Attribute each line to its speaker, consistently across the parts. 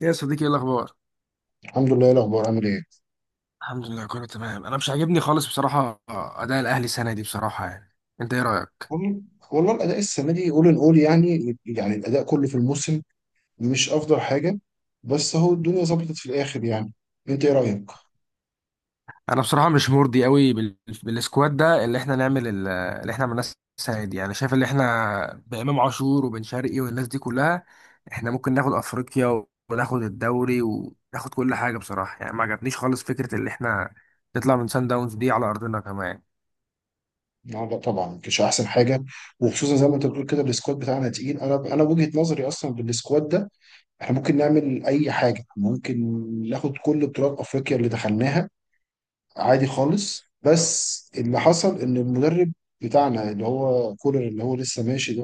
Speaker 1: يا صديقي، ايه الاخبار؟
Speaker 2: الحمد لله، إيه الاخبار؟ عامل ايه؟
Speaker 1: الحمد لله كله تمام. انا مش عاجبني خالص بصراحه اداء الاهلي السنه دي، بصراحه، يعني انت ايه رايك؟
Speaker 2: والله والله الاداء السنه دي اول ان اول يعني الاداء كله في الموسم مش افضل حاجه. بس هو الدنيا ظبطت في الاخر يعني. انت ايه رايك؟
Speaker 1: انا بصراحه مش مرضي قوي بالسكواد ده اللي احنا نعمل اللي احنا عملناه السنه دي. يعني شايف اللي احنا بامام عاشور وبن شرقي والناس دي كلها، احنا ممكن ناخد افريقيا وناخد الدوري وناخد كل حاجه بصراحه. يعني ما عجبنيش خالص فكره اللي احنا نطلع من سان داونز دي على ارضنا كمان.
Speaker 2: لا لا، طبعا مش احسن حاجه. وخصوصا زي ما انت بتقول كده، السكواد بتاعنا تقيل. انا وجهه نظري اصلا بالسكواد ده، احنا ممكن نعمل اي حاجه. ممكن ناخد كل بطولات افريقيا اللي دخلناها عادي خالص. بس اللي حصل ان المدرب بتاعنا اللي هو كولر اللي هو لسه ماشي،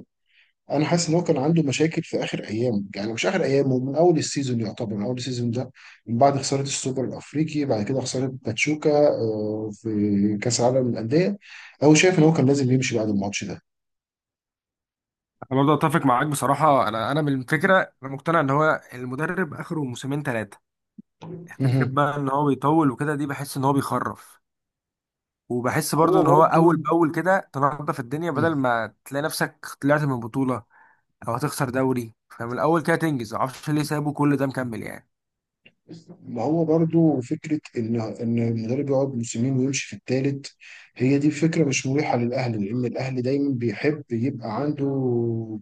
Speaker 2: انا حاسس ان هو كان عنده مشاكل في اخر ايام، يعني مش اخر ايام، هو من اول السيزون يعتبر، من اول السيزون ده، من بعد خساره السوبر الافريقي، بعد كده خساره باتشوكا، في كاس العالم للانديه، هو شايف ان هو كان لازم يمشي بعد الماتش ده.
Speaker 1: انا برضه اتفق معاك بصراحه. انا من الفكره، انا مقتنع ان هو المدرب اخره موسمين ثلاثه. فكرة
Speaker 2: مهم.
Speaker 1: بقى ان هو بيطول وكده دي، بحس ان هو بيخرف، وبحس برضو
Speaker 2: هو
Speaker 1: ان هو
Speaker 2: برضو.
Speaker 1: اول باول كده تنظف الدنيا بدل ما تلاقي نفسك طلعت من بطولة او هتخسر دوري، فمن الاول كده تنجز. معرفش ليه سابوا كل ده مكمل يعني.
Speaker 2: ما هو برضو فكرة إن المدرب يقعد موسمين ويمشي في التالت، هي دي فكرة مش مريحة للأهلي، لأن الأهلي دايما بيحب يبقى عنده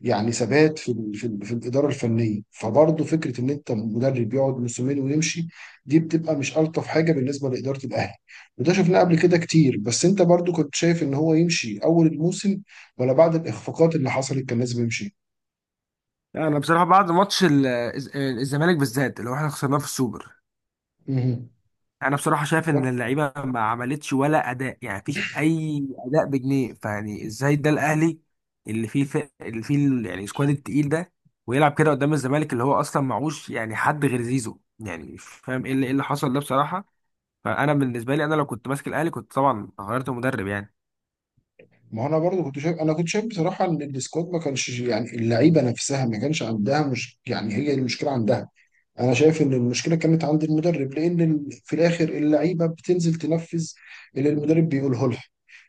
Speaker 2: يعني ثبات في الإدارة الفنية. فبرضو فكرة إن أنت مدرب يقعد موسمين ويمشي، دي بتبقى مش ألطف حاجة بالنسبة لإدارة الأهلي. وده شفناه قبل كده كتير. بس أنت برضو كنت شايف إن هو يمشي أول الموسم، ولا بعد الإخفاقات اللي حصلت كان لازم يمشي؟
Speaker 1: يعني انا بصراحة بعد ماتش الزمالك بالذات اللي هو احنا خسرناه في السوبر،
Speaker 2: مهم.
Speaker 1: انا بصراحه شايف
Speaker 2: ده.
Speaker 1: ان اللعيبه ما عملتش ولا اداء. يعني مفيش اي اداء بجنيه، فيعني ازاي ده الاهلي اللي فيه اللي فيه يعني السكواد التقيل ده، ويلعب كده قدام الزمالك اللي هو اصلا معهوش يعني حد غير زيزو؟ يعني مش فاهم ايه اللي حصل ده بصراحه. فانا بالنسبه لي، انا لو كنت ماسك الاهلي كنت طبعا غيرت المدرب يعني.
Speaker 2: ما هو انا برضو كنت شايف بصراحه ان السكواد ما كانش، يعني اللعيبه نفسها ما كانش عندها، مش يعني هي المشكله عندها. انا شايف ان المشكله كانت عند المدرب، لان في الاخر اللعيبه بتنزل تنفذ اللي المدرب بيقوله لها.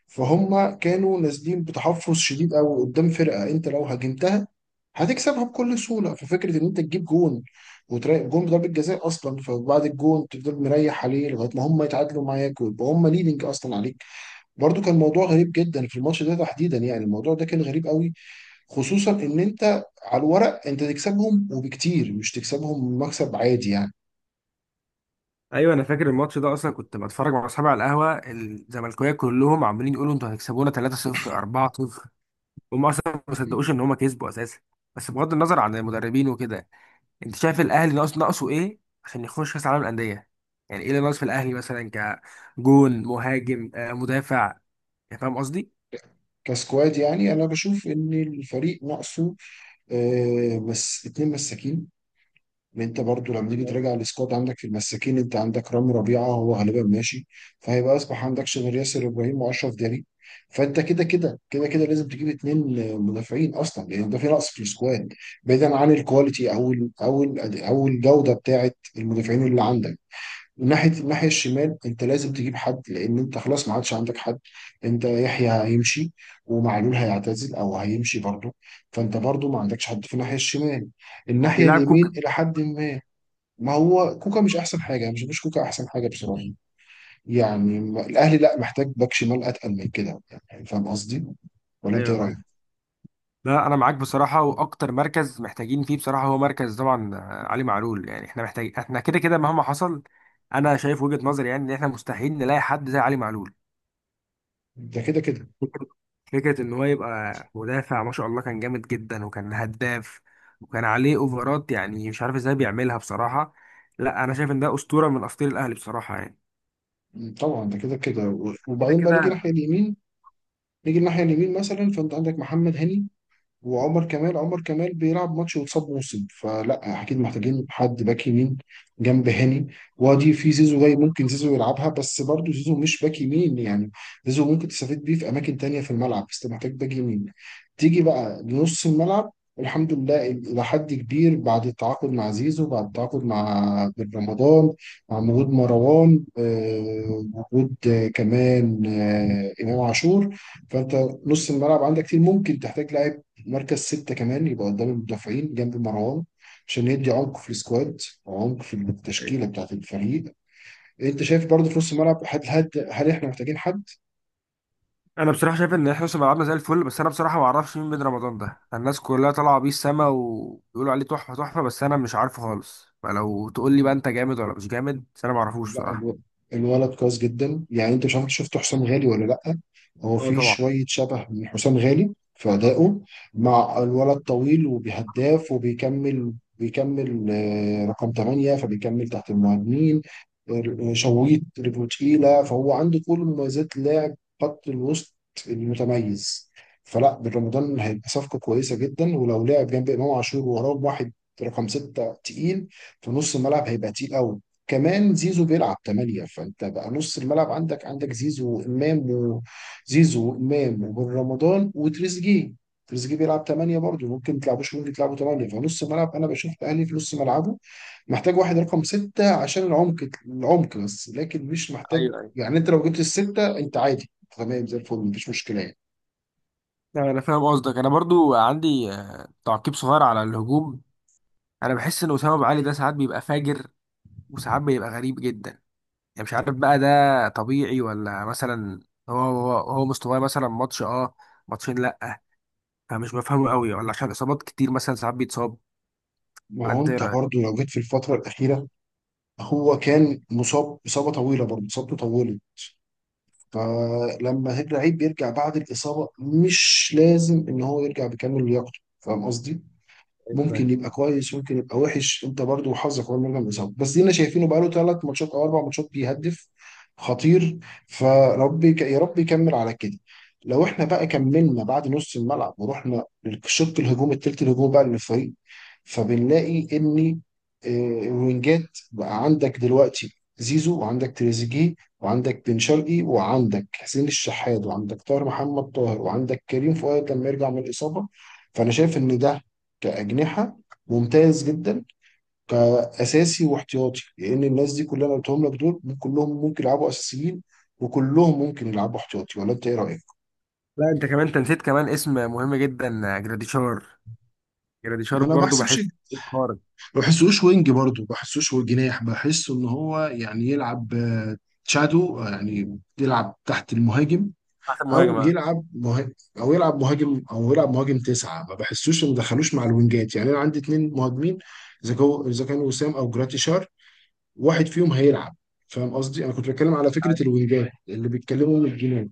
Speaker 2: فهم كانوا نازلين بتحفظ شديد قوي قدام فرقه انت لو هاجمتها هتكسبها بكل سهوله. ففكره ان انت تجيب جون، وتراقب جون بضربه جزاء اصلا، فبعد الجون تفضل مريح عليه لغايه ما هم يتعادلوا معاك ويبقى هم ليدنج اصلا عليك. برضو كان موضوع غريب جدا في الماتش ده تحديدا، يعني الموضوع ده كان غريب قوي. خصوصا ان انت على الورق انت تكسبهم، وبكتير، مش تكسبهم مكسب عادي يعني.
Speaker 1: ايوه، انا فاكر الماتش ده. اصلا كنت بتفرج مع اصحابي على القهوه، الزملكاويه كلهم عمالين يقولوا انتوا هتكسبونا 3-0، 4-0. هم اصلا ما صدقوش ان هم كسبوا اساسا. بس بغض النظر عن المدربين وكده، انت شايف الاهلي ناقص، ناقصه ايه عشان يخش كاس عالم الانديه؟ يعني ايه اللي ناقص في الاهلي مثلا؟ كجون مهاجم، مدافع؟ يعني فاهم قصدي.
Speaker 2: كسكواد، يعني انا بشوف ان الفريق ناقصه بس اتنين مساكين. ان انت برضو لما تيجي تراجع السكواد عندك في المساكين، انت عندك رامي ربيعه هو غالبا ماشي، فهيبقى اصبح عندكش غير ياسر ابراهيم واشرف داري. فانت كده كده لازم تجيب اتنين مدافعين اصلا، لان ده في نقص في السكواد، بعيدا عن الكواليتي او الجوده بتاعه المدافعين اللي عندك. من الناحيه الشمال، انت لازم تجيب حد لان انت خلاص ما عادش عندك حد. انت يحيى هيمشي، ومعلول هيعتزل او هيمشي برضه. فانت برضه ما عندكش حد في الناحيه الشمال. الناحيه
Speaker 1: بيلعب
Speaker 2: اليمين
Speaker 1: كوكا.
Speaker 2: الى حد ما. ما هو كوكا مش احسن حاجه. أنا مش بشوفش كوكا احسن حاجه بصراحه. يعني الاهلي لا محتاج باك شمال اتقل من كده. يعني فاهم قصدي؟ ولا انت
Speaker 1: ايوه
Speaker 2: ايه
Speaker 1: فاهم.
Speaker 2: رايك؟
Speaker 1: لا، انا معاك بصراحه. واكتر مركز محتاجين فيه بصراحه هو مركز طبعا علي معلول. يعني احنا محتاج، احنا كده كده مهما حصل. انا شايف وجهه نظري يعني، ان احنا مستحيل نلاقي حد زي علي معلول.
Speaker 2: ده كده كده.
Speaker 1: فكرة فكرة إن هو يبقى مدافع، ما شاء الله، كان جامد جدا وكان هداف وكان عليه أوفرات. يعني مش عارف إزاي بيعملها بصراحة. لا، أنا شايف إن ده أسطورة من أساطير الأهلي بصراحة يعني.
Speaker 2: طبعا ده كده كده.
Speaker 1: كده
Speaker 2: وبعدين بقى نيجي
Speaker 1: كده.
Speaker 2: الناحيه اليمين نيجي الناحيه اليمين مثلا، فانت عندك محمد هاني وعمر كمال. عمر كمال بيلعب ماتش وتصاب موسم، فلا اكيد محتاجين حد باك يمين جنب هاني. وادي في زيزو جاي، ممكن زيزو يلعبها، بس برضه زيزو مش باك يمين يعني. زيزو ممكن تستفيد بيه في اماكن تانية في الملعب، بس أنت محتاج باك يمين. تيجي بقى لنص الملعب، الحمد لله الى حد كبير بعد التعاقد مع زيزو، بعد التعاقد مع بن رمضان، مع وجود مروان، وجود كمان امام عاشور. فانت نص الملعب عندك كتير. ممكن تحتاج لاعب مركز 6 كمان، يبقى قدام المدافعين جنب مروان، عشان يدي عمق في السكواد وعمق في التشكيلة بتاعة الفريق. انت شايف برضه في نص الملعب، هل احنا محتاجين حد؟
Speaker 1: أنا بصراحة شايف إن إحنا لسه لعبنا زي الفل، بس أنا بصراحة ما أعرفش مين بن رمضان ده. الناس كلها طالعة بيه السما وبيقولوا عليه تحفة تحفة، بس أنا مش عارفه خالص. فلو تقول لي بقى أنت جامد ولا مش جامد، بس أنا ما أعرفوش
Speaker 2: لا،
Speaker 1: بصراحة.
Speaker 2: الولد كويس جدا. يعني انت مش عارف، شفت حسام غالي ولا لا؟ هو
Speaker 1: أه
Speaker 2: في
Speaker 1: طبعا.
Speaker 2: شويه شبه من حسام غالي في ادائه. مع الولد طويل وبيهداف وبيكمل. بيكمل رقم 8، فبيكمل تحت المهاجمين. شويط رجله تقيله، فهو عنده كل مميزات لاعب خط الوسط المتميز. فلا بن رمضان هيبقى صفقه كويسه جدا، ولو لعب جنب امام عاشور وراه واحد رقم 6 تقيل، في نص الملعب هيبقى تقيل قوي. كمان زيزو بيلعب 8، فانت بقى نص الملعب عندك زيزو وامام، وزيزو وامام وبن رمضان وتريزيجيه. تريزيجيه بيلعب 8 برضه، ممكن تلعبوش ممكن تلعبوا 8. فنص الملعب انا بشوف الاهلي في نص ملعبه محتاج واحد رقم 6، عشان العمق بس لكن مش محتاج.
Speaker 1: ايوه ايوه.
Speaker 2: يعني انت لو جبت الستة انت عادي، تمام زي الفل مفيش مشكلة يعني.
Speaker 1: لا، انا فاهم قصدك. انا برضو عندي تعقيب صغير على الهجوم. انا بحس ان اسامه ابو علي ده ساعات بيبقى فاجر وساعات بيبقى غريب جدا. يعني مش عارف بقى ده طبيعي ولا مثلا. هو مستواه مثلا ماتش، ماتشين، لا. فمش بفهمه قوي، ولا عشان اصابات كتير مثلا ساعات بيتصاب؟
Speaker 2: ما
Speaker 1: ولا
Speaker 2: هو
Speaker 1: انت ايه
Speaker 2: انت
Speaker 1: رايك؟
Speaker 2: برضه لو جيت في الفترة الأخيرة، هو كان مصاب إصابة طويلة، برضه إصابته طويلة. فلما لعيب بيرجع بعد الإصابة مش لازم إن هو يرجع بكامل لياقته، فاهم قصدي؟ ممكن
Speaker 1: أيوة.
Speaker 2: يبقى كويس، ممكن يبقى وحش. انت برضو وحظك اول مره من الاصابه. بس دينا شايفينه بقاله 3 ماتشات او 4 ماتشات بيهدف. خطير، فربي يا رب يكمل على كده. لو احنا بقى كملنا بعد نص الملعب ورحنا للشق الهجوم، التلت الهجوم بقى للفريق، فبنلاقي ان آه، الوينجات بقى عندك دلوقتي زيزو، وعندك تريزيجيه، وعندك بن شرقي، وعندك حسين الشحات، وعندك طاهر محمد طاهر، وعندك كريم فؤاد لما يرجع من الاصابه. فانا شايف ان ده كأجنحة ممتاز جدا، كأساسي واحتياطي، لأن الناس دي كلها اللي أنا قلتهم لك دول كلهم ممكن يلعبوا أساسيين، وكلهم ممكن يلعبوا احتياطي. ولا أنت إيه رأيك؟
Speaker 1: لا، انت كمان انت نسيت كمان اسم مهم جدا، جراديشار. جراديشار
Speaker 2: انا ما
Speaker 1: برضو بحس
Speaker 2: بحسبش.
Speaker 1: خارج،
Speaker 2: ما بحسوش وينج برضه، ما بحسوش هو جناح. بحسه ان هو يعني يلعب شادو، يعني يلعب تحت المهاجم،
Speaker 1: احسن
Speaker 2: او
Speaker 1: مهاجمه.
Speaker 2: يلعب مهاجم او يلعب مهاجم تسعه. ما بحسوش، ما دخلوش مع الوينجات يعني. انا عندي اتنين مهاجمين، اذا كانوا وسام او جراتيشار، واحد فيهم هيلعب. فاهم قصدي؟ انا كنت بتكلم على فكره الوينجات اللي بيتكلموا من الجنان،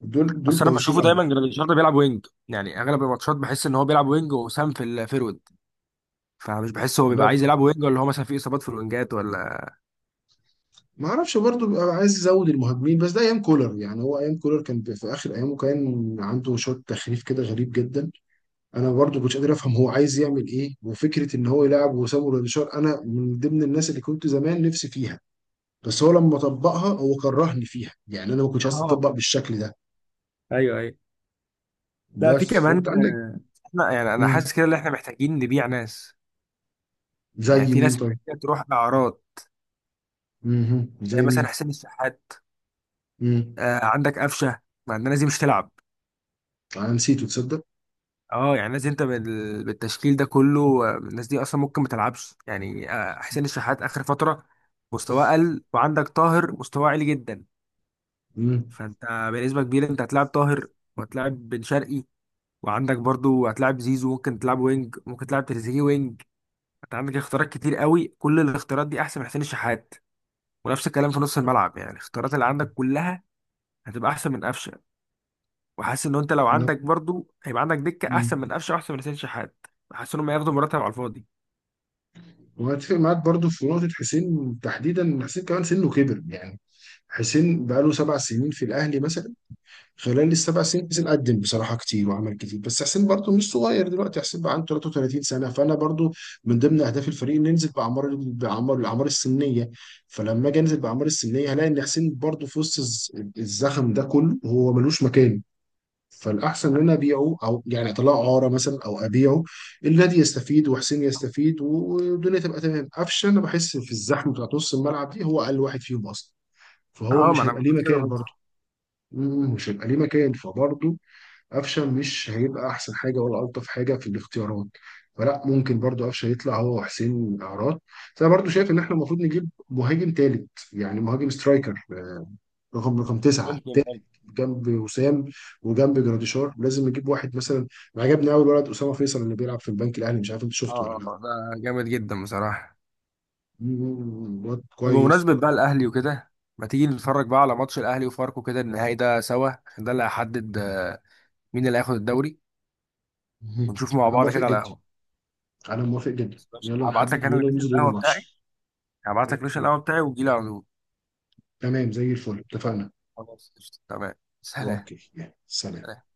Speaker 2: دول
Speaker 1: بس انا
Speaker 2: كويسين
Speaker 1: بشوفه
Speaker 2: قوي.
Speaker 1: دايما جراديشار ده بيلعب وينج، يعني اغلب الماتشات بحس ان هو بيلعب وينج وسام في الفيرود. فمش بحس هو بيبقى
Speaker 2: انا
Speaker 1: عايز يلعب وينج، ولا هو مثلا في اصابات في الوينجات؟
Speaker 2: ما اعرفش، برضه ببقى عايز ازود المهاجمين. بس ده ايام كولر يعني، هو ايام كولر كان في اخر ايامه كان عنده شوط تخريف كده غريب جدا. انا برضه كنتش قادر افهم هو عايز يعمل ايه. وفكره ان هو يلعب وسامو روديشار، انا من ضمن الناس اللي كنت زمان نفسي فيها، بس هو لما طبقها هو كرهني فيها. يعني انا ما كنتش عايز
Speaker 1: اه.
Speaker 2: تطبق بالشكل ده.
Speaker 1: ايوه ايوه. لا، في
Speaker 2: بس كنت
Speaker 1: كمان.
Speaker 2: عندك.
Speaker 1: احنا يعني، انا
Speaker 2: مم.
Speaker 1: حاسس كده ان احنا محتاجين نبيع ناس. يعني
Speaker 2: زي
Speaker 1: في
Speaker 2: مين
Speaker 1: ناس
Speaker 2: طيب؟
Speaker 1: كده تروح اعراض.
Speaker 2: مهم.
Speaker 1: زي
Speaker 2: زي مين؟
Speaker 1: مثلا حسين الشحات،
Speaker 2: مم.
Speaker 1: آه عندك قفشه. مع ان الناس دي مش تلعب.
Speaker 2: انا نسيته تصدق.
Speaker 1: اه، يعني الناس دي انت بالتشكيل ده كله، الناس دي اصلا ممكن ما تلعبش. يعني آه، حسين الشحات اخر فتره مستواه قل، وعندك طاهر مستواه عالي جدا.
Speaker 2: مم.
Speaker 1: فانت بنسبه كبيره انت هتلاعب طاهر، وهتلاعب بن شرقي، وعندك برضو هتلاعب زيزو، ممكن تلعب وينج، ممكن تلعب تريزيجيه وينج. انت عندك اختيارات كتير قوي، كل الاختيارات دي احسن من حسين الشحات. ونفس الكلام في نص الملعب، يعني الاختيارات اللي عندك كلها هتبقى احسن من قفشه. وحاسس ان انت لو
Speaker 2: لا.
Speaker 1: عندك برضو، هيبقى عندك دكه احسن
Speaker 2: مم.
Speaker 1: من قفشه واحسن من حسين الشحات. حاسس انهم هياخدوا مرتب على الفاضي.
Speaker 2: وهتفق معاك برضو في نقطة حسين تحديدا، إن حسين كمان سنه كبر يعني. حسين بقاله 7 سنين في الأهلي مثلا. خلال السبع سنين حسين قدم بصراحة كتير وعمل كتير. بس حسين برضو مش صغير دلوقتي، حسين بقى عنده 33 سنة. فأنا برضو من ضمن أهداف الفريق إن ننزل بأعمار الأعمار السنية. فلما أجي أنزل بأعمار السنية، هلاقي إن حسين برضو في وسط الزخم ده كله، هو ملوش مكان. فالاحسن ان انا ابيعه، او يعني اطلعه عاره مثلا، او ابيعه. النادي يستفيد وحسين يستفيد والدنيا تبقى تمام. قفشه، انا بحس في الزحمه بتاعت نص الملعب دي هو اقل واحد فيهم اصلا، فهو
Speaker 1: اه، ما
Speaker 2: مش
Speaker 1: انا
Speaker 2: هيبقى
Speaker 1: كنت
Speaker 2: ليه
Speaker 1: كده
Speaker 2: مكان
Speaker 1: قلت.
Speaker 2: برضه. مش هيبقى ليه مكان فبرضه قفشه مش هيبقى احسن حاجه ولا الطف حاجه في الاختيارات. فلا ممكن برضه قفشه يطلع هو وحسين اعراض. بس انا برضه شايف ان احنا المفروض نجيب مهاجم تالت، يعني مهاجم سترايكر، رقم 9
Speaker 1: ممكن
Speaker 2: تالت،
Speaker 1: برضه.
Speaker 2: جنب وسام وجنب جراديشار. لازم نجيب واحد مثلا، عجبني قوي الولد اسامه فيصل اللي بيلعب في البنك الاهلي، مش عارف انت شفته ولا
Speaker 1: اه،
Speaker 2: لا.
Speaker 1: ده جامد جدا بصراحة.
Speaker 2: واد
Speaker 1: طب
Speaker 2: كويس.
Speaker 1: بمناسبة بقى الأهلي وكده، ما تيجي نتفرج بقى على ماتش الأهلي وفاركو كده النهائي ده سوا، عشان ده اللي هيحدد مين اللي هياخد الدوري.
Speaker 2: مم.
Speaker 1: ونشوف مع
Speaker 2: انا
Speaker 1: بعض
Speaker 2: موافق
Speaker 1: كده على
Speaker 2: جدا.
Speaker 1: القهوة.
Speaker 2: انا موافق جدا،
Speaker 1: ماشي.
Speaker 2: يلا
Speaker 1: هبعت
Speaker 2: نحدد
Speaker 1: لك أنا
Speaker 2: يوم
Speaker 1: لوكيشن
Speaker 2: ننزل يوم
Speaker 1: القهوة بتاعي،
Speaker 2: الماتش.
Speaker 1: هبعت لك ريش
Speaker 2: اوكي.
Speaker 1: القهوة بتاعي وتجيلي على طول.
Speaker 2: تمام زي الفل، اتفقنا.
Speaker 1: خلاص، قشطة. تمام. سلام.
Speaker 2: اوكي، يلا سلام.
Speaker 1: سلام.